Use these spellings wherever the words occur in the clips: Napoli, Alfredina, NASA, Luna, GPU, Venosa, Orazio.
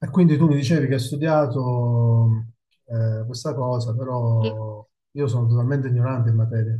E quindi tu mi dicevi che hai studiato questa cosa, Io- però io sono totalmente ignorante in materia.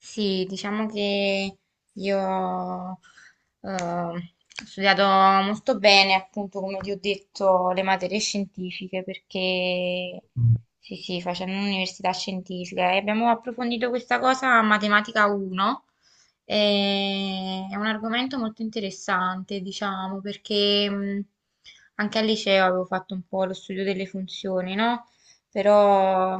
Sì, diciamo che io ho studiato molto bene, appunto, come ti ho detto, le materie scientifiche, perché Mm. sì, sì, facendo un'università scientifica e abbiamo approfondito questa cosa a Matematica 1. È un argomento molto interessante, diciamo, perché anche al liceo avevo fatto un po' lo studio delle funzioni, no? Però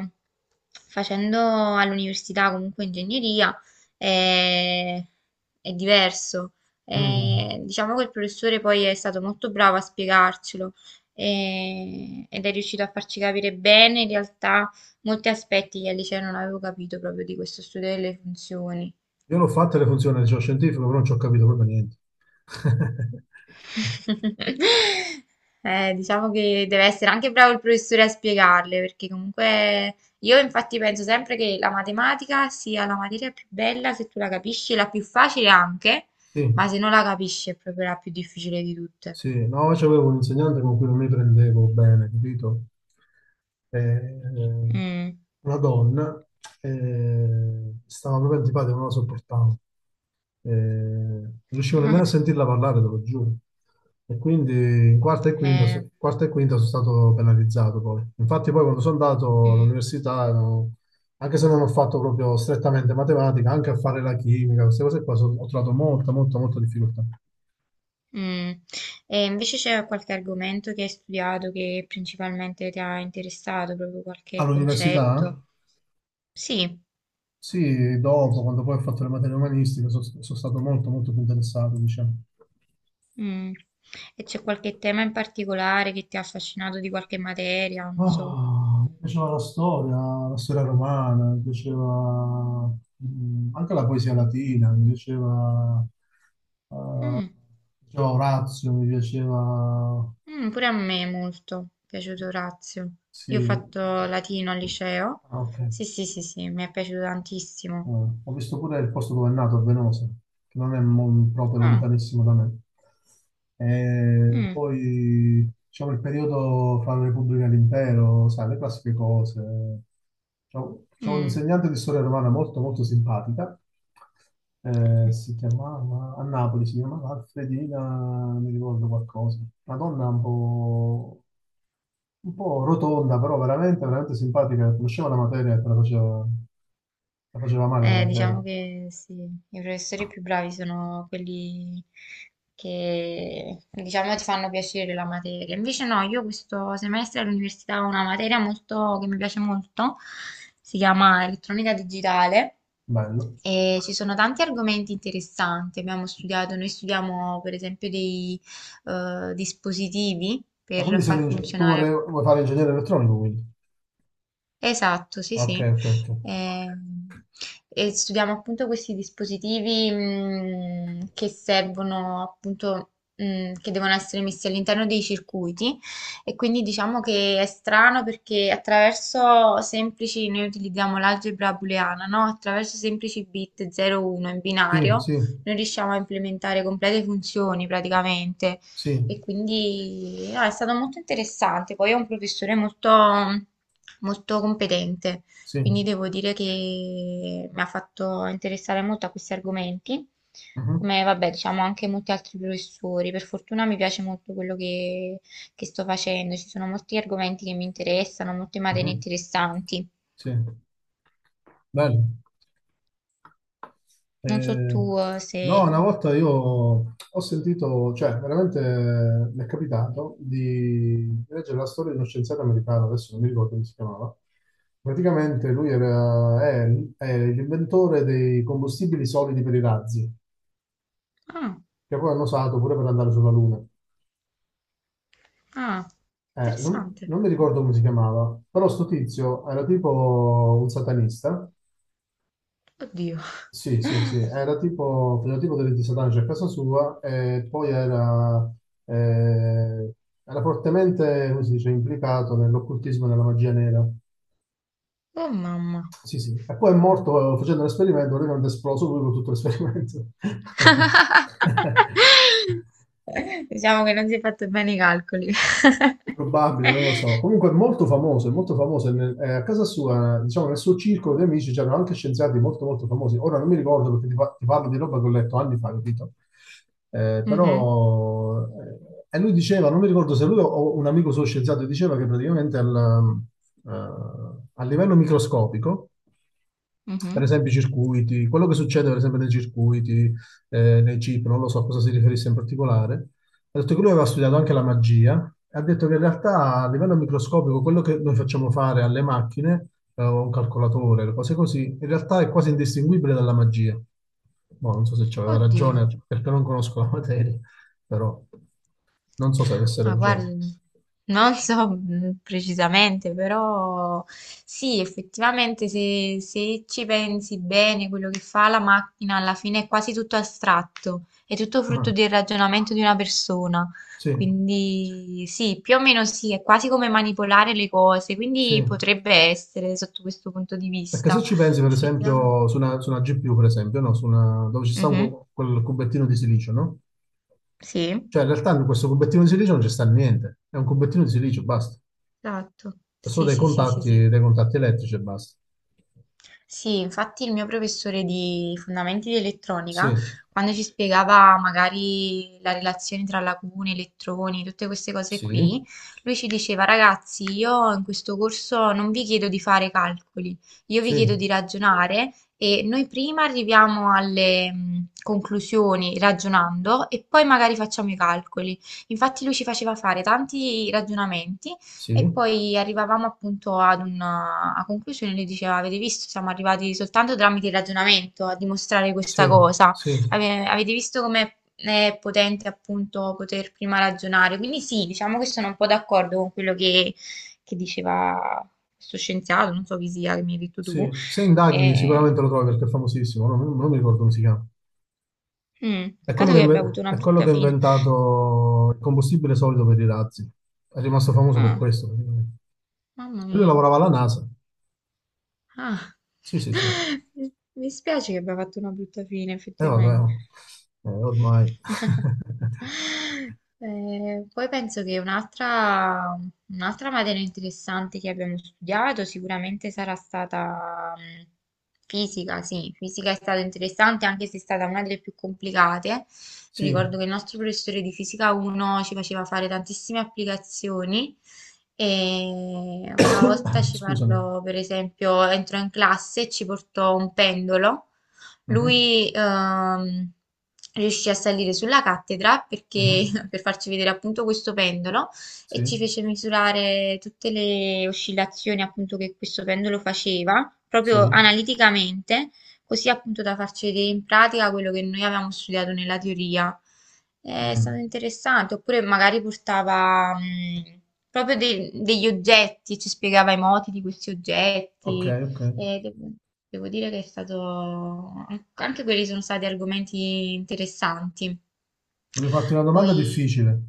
facendo all'università comunque ingegneria è, è diverso. Mm. Diciamo che il professore poi è stato molto bravo a spiegarcelo, ed è riuscito a farci capire bene in realtà molti aspetti che al liceo non avevo capito proprio di questo studio delle funzioni. Io l'ho fatta le funzioni del geoscientifico, però non ci ho capito proprio niente. Diciamo che deve essere anche bravo il professore a spiegarle, perché comunque io infatti penso sempre che la matematica sia la materia più bella se tu la capisci, la più facile anche, ma Sì, se non la capisci è proprio la più difficile di tutte. sì, no, io avevo un insegnante con cui non mi prendevo bene, capito? Eh, eh, Mm, una donna, stava proprio antipatica, non la sopportavo. Non riuscivo nemmeno a sentirla parlare, te lo giuro. E quindi in quarta e quinta, eh, quarta e quinta sono stato penalizzato poi. Infatti poi quando sono andato mm, all'università, ero- anche se non ho fatto proprio strettamente matematica, anche a fare la chimica, queste cose qua, ho trovato molta difficoltà. mm. E invece c'è qualche argomento che hai studiato che principalmente ti ha interessato, proprio qualche All'università? concetto? Sì. Sì, dopo, quando poi ho fatto le materie umanistiche, sono stato molto, molto più interessato, diciamo. Mm. E c'è qualche tema in particolare che ti ha affascinato di qualche materia, non so. Ah, mi piaceva la storia romana, mi piaceva anche la poesia latina, mi Mm. piaceva Orazio, mi piaceva... Mm, pure a me molto è piaciuto Orazio. Sì. Io ho fatto latino al liceo. Ah, ok. Sì, sì, sì, sì, mi è piaciuto tantissimo. Ho visto pure il posto dove è nato, a Venosa, che non è mo- proprio Ah, lontanissimo da me. E mm, poi, diciamo, il periodo fra la Repubblica e l'Impero, sai, le classiche cose. C'ho un mm, insegnante di storia romana molto, molto simpatica. Mm. Si chiamava, a Napoli si chiamava Alfredina, mi ricordo qualcosa. Una donna un po' rotonda, però veramente, veramente simpatica. Conosceva la materia e te la faceva male la materia. Diciamo che sì, i professori più bravi sono quelli che, diciamo, ti fanno piacere la materia. Invece no, io questo semestre all'università ho una materia molto, che mi piace molto, si chiama elettronica digitale Bello. e ci sono tanti argomenti interessanti. Abbiamo studiato, noi studiamo per esempio dei dispositivi Ma per quindi sei un far ingeg- funzionare. Vuoi fare ingegnere elettronico, quindi? Esatto, sì, Ok, sì. ok, ok. Ehm, E, studiamo appunto questi dispositivi che servono appunto, che devono essere messi all'interno dei circuiti, e quindi diciamo che è strano perché attraverso semplici, noi utilizziamo l'algebra booleana, no? Attraverso semplici bit 0-1 in Sì, binario sì, noi riusciamo a implementare complete funzioni praticamente. sì, E quindi no, è stato molto interessante. Poi è un professore molto, molto competente, sì. quindi devo dire che mi ha fatto interessare molto a questi argomenti, Mhm, come vabbè, diciamo anche molti altri professori. Per fortuna mi piace molto quello che sto facendo, ci sono molti argomenti che mi interessano, molte materie mhm. interessanti. Sì, bello. Non so tu Eh, se... no, una volta io ho sentito, cioè veramente mi è capitato di leggere la storia di uno scienziato americano, adesso non mi ricordo come si chiamava. Praticamente lui era, è l'inventore dei combustibili solidi per i razzi, Ah, che poi hanno usato pure per andare sulla Luna. ah, Non, interessante. non mi ricordo come si chiamava, però sto tizio era tipo un satanista. Oddio. Sì, sì, sì, era tipo, faceva tipo delle disadanze a casa sua e poi era, eh, era fortemente, come si dice, implicato nell'occultismo e nella magia nera. Oh mamma. Sì, sì. E poi è morto facendo l'esperimento, lui non è esploso lui con tutto l'esperimento. Diciamo che non si è fatto bene i calcoli. Probabile, non lo so. Comunque è molto famoso, è molto famoso. A casa sua, diciamo, nel suo circolo di amici c'erano anche scienziati molto, molto famosi. Ora non mi ricordo perché ti, ti parlo di roba che ho letto anni fa, capito? Eh, Mhm, però, e lui diceva, non mi ricordo se lui o un amico suo scienziato diceva che praticamente eh, a livello microscopico, mhm. per esempio i circuiti, quello che succede per esempio nei circuiti, nei chip, non lo so a cosa si riferisse in particolare, ha detto che lui aveva studiato anche la magia, e ha detto che in realtà a livello microscopico quello che noi facciamo fare alle macchine, o a un calcolatore, le cose così, in realtà è quasi indistinguibile dalla magia. Boh, non so se c'aveva Oddio. ragione perché non conosco la materia, però non so se avesse Ah, guarda, ragione. non so precisamente, però sì, effettivamente se, se ci pensi bene, quello che fa la macchina alla fine è quasi tutto astratto, è tutto frutto Ah, del ragionamento di una persona. sì, Quindi sì, più o meno sì, è quasi come manipolare le cose, quindi sì. potrebbe essere sotto questo punto di Perché se vista. ci pensi, per Effettivamente. esempio, su una GPU, per esempio, no? Su una- dove ci sta un Mhm. cu- quel cubettino di silicio, no? Sì, Cioè, in realtà in questo cubettino di silicio non ci sta niente, è un cubettino di silicio, basta. esatto. Sono Sì, sì, sì, sì, sì. Dei contatti elettrici e basta. Sì, infatti il mio professore di fondamenti di Sì, elettronica, quando ci spiegava magari la relazione tra lacune, elettroni, tutte queste cose sì, qui, lui ci diceva, ragazzi, io in questo corso non vi chiedo di fare calcoli, io vi sì, chiedo di ragionare e noi prima arriviamo alle conclusioni ragionando e poi sì, magari facciamo i calcoli. Infatti lui ci faceva fare tanti ragionamenti sì, e poi arrivavamo appunto ad una a conclusione, lui diceva, avete visto, siamo arrivati soltanto tramite il ragionamento a dimostrare questa cosa. sì, Avete visto come è potente appunto poter prima ragionare, quindi sì, diciamo che sono un po' d'accordo con quello che diceva questo scienziato, non so chi sia, che mi hai detto tu. sì. Se indaghi E- sicuramente lo trovi perché è famosissimo, non, non mi ricordo come si chiama. È Peccato quello che, che abbia avuto inve- una è quello brutta che ha fine. inventato il combustibile solido per i razzi. È rimasto famoso per Ah, questo, praticamente. mamma Lui mia. lavorava alla NASA. Ah. Sì, sì, sì. E Mi mi spiace che abbia fatto una brutta fine vabbè, effettivamente. oh. Ormai. Poi penso che un'altra materia interessante che abbiamo studiato sicuramente sarà stata fisica, sì, fisica è stata interessante anche se è stata una delle più complicate. Mi Sì. ricordo che il nostro professore di fisica 1 ci faceva fare tantissime applicazioni e una volta ci Scusami. parlò, per esempio, entrò in classe e ci portò un pendolo, Mhm, lui riuscì a salire sulla cattedra perché, mhm. per farci vedere appunto questo pendolo, Sì, e ci fece misurare tutte le oscillazioni appunto che questo pendolo faceva, proprio sì, analiticamente, così appunto da farci vedere in pratica quello che noi avevamo studiato nella teoria. È stato Mm, interessante, oppure magari portava proprio degli oggetti, ci spiegava i moti di questi ok, oggetti. ok. E devo, devo dire che è stato... Anche quelli sono stati argomenti interessanti. Voglio farti una domanda Poi... difficile.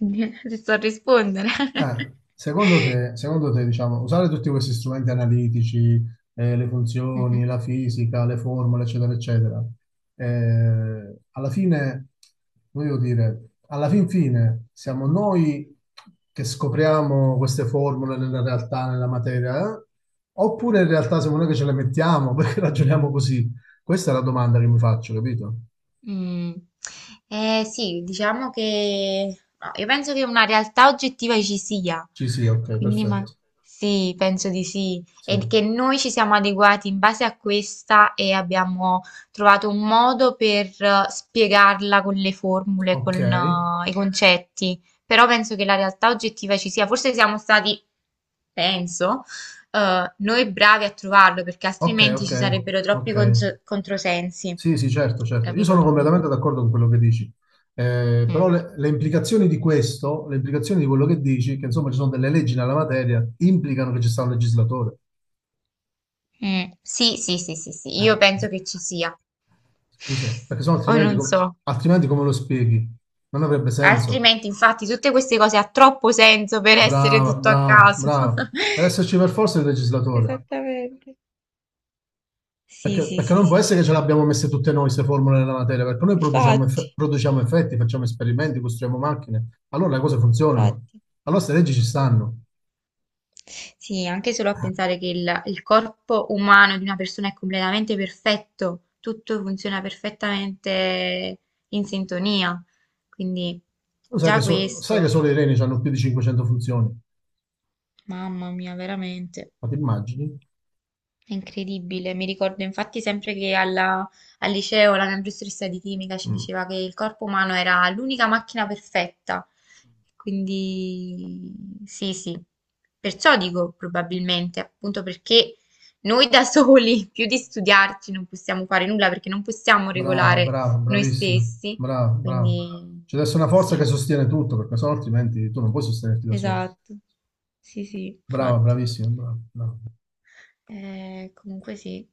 Ti so rispondere. Secondo te, secondo te, diciamo, usare tutti questi strumenti analitici, le Mhm. funzioni, la fisica, le formule, eccetera, eccetera, alla fine, voglio dire, alla fin fine siamo noi che scopriamo queste formule nella realtà, nella materia, eh? Oppure in realtà siamo noi che ce le mettiamo perché ragioniamo così? Questa è la domanda che mi faccio, capito? Mm. Eh sì, diciamo che no, io penso che una realtà oggettiva ci sia, Ci sì, ok, quindi ma... perfetto. sì, penso di sì, Sì. e che noi ci siamo adeguati in base a questa e abbiamo trovato un modo per spiegarla con le formule, con Ok, i concetti, però penso che la realtà oggettiva ci sia, forse siamo stati, penso, noi bravi a trovarlo, perché ok, altrimenti ok, ci sarebbero troppi ok. Controsensi. Sì, sì, certo, certo. Io Capito? sono Quindi... completamente d'accordo con quello che dici. Però mm. Le implicazioni di questo, le implicazioni di quello che dici, che insomma ci sono delle leggi nella materia, implicano che ci sta un legislatore. Mm. Sì, sì, sì, sì, sì, io Eh, penso che ci sia. scusa, perché sennò Poi altrimenti, non com- so. altrimenti come lo spieghi? Non avrebbe senso. Altrimenti, infatti, tutte queste cose ha troppo senso per essere Brava, tutto a brava, caso. brava. Deve esserci per forza il legislatore. Esattamente. Sì, Perché, sì, perché sì, non può sì, essere sì, che ce sì. l'abbiamo messe tutte noi queste formule nella materia, perché noi produciamo, Infatti, eff- produciamo effetti, facciamo esperimenti, costruiamo macchine, allora le cose funzionano, infatti. allora queste leggi ci stanno. Sì, anche solo a pensare che il corpo umano di una persona è completamente perfetto, tutto funziona perfettamente in sintonia. Quindi Tu sai che, già sai che questo, solo i reni hanno più di 500 funzioni, mamma mia, veramente. ma ti immagini? È incredibile, mi ricordo infatti sempre che al liceo la mia professoressa di chimica ci Mm. diceva che il corpo umano era l'unica macchina perfetta, quindi sì, sì, perciò dico probabilmente, appunto perché noi da soli, più di studiarci, non possiamo fare nulla perché non possiamo Brava, regolare brava, noi bravissima, stessi, brava, brava. quindi C'è adesso una forza sì, che sostiene tutto, perché sennò altrimenti tu non puoi sostenerti da solo. esatto, sì, sì, Brava, infatti. bravissima, brava, brava. Comunque sì.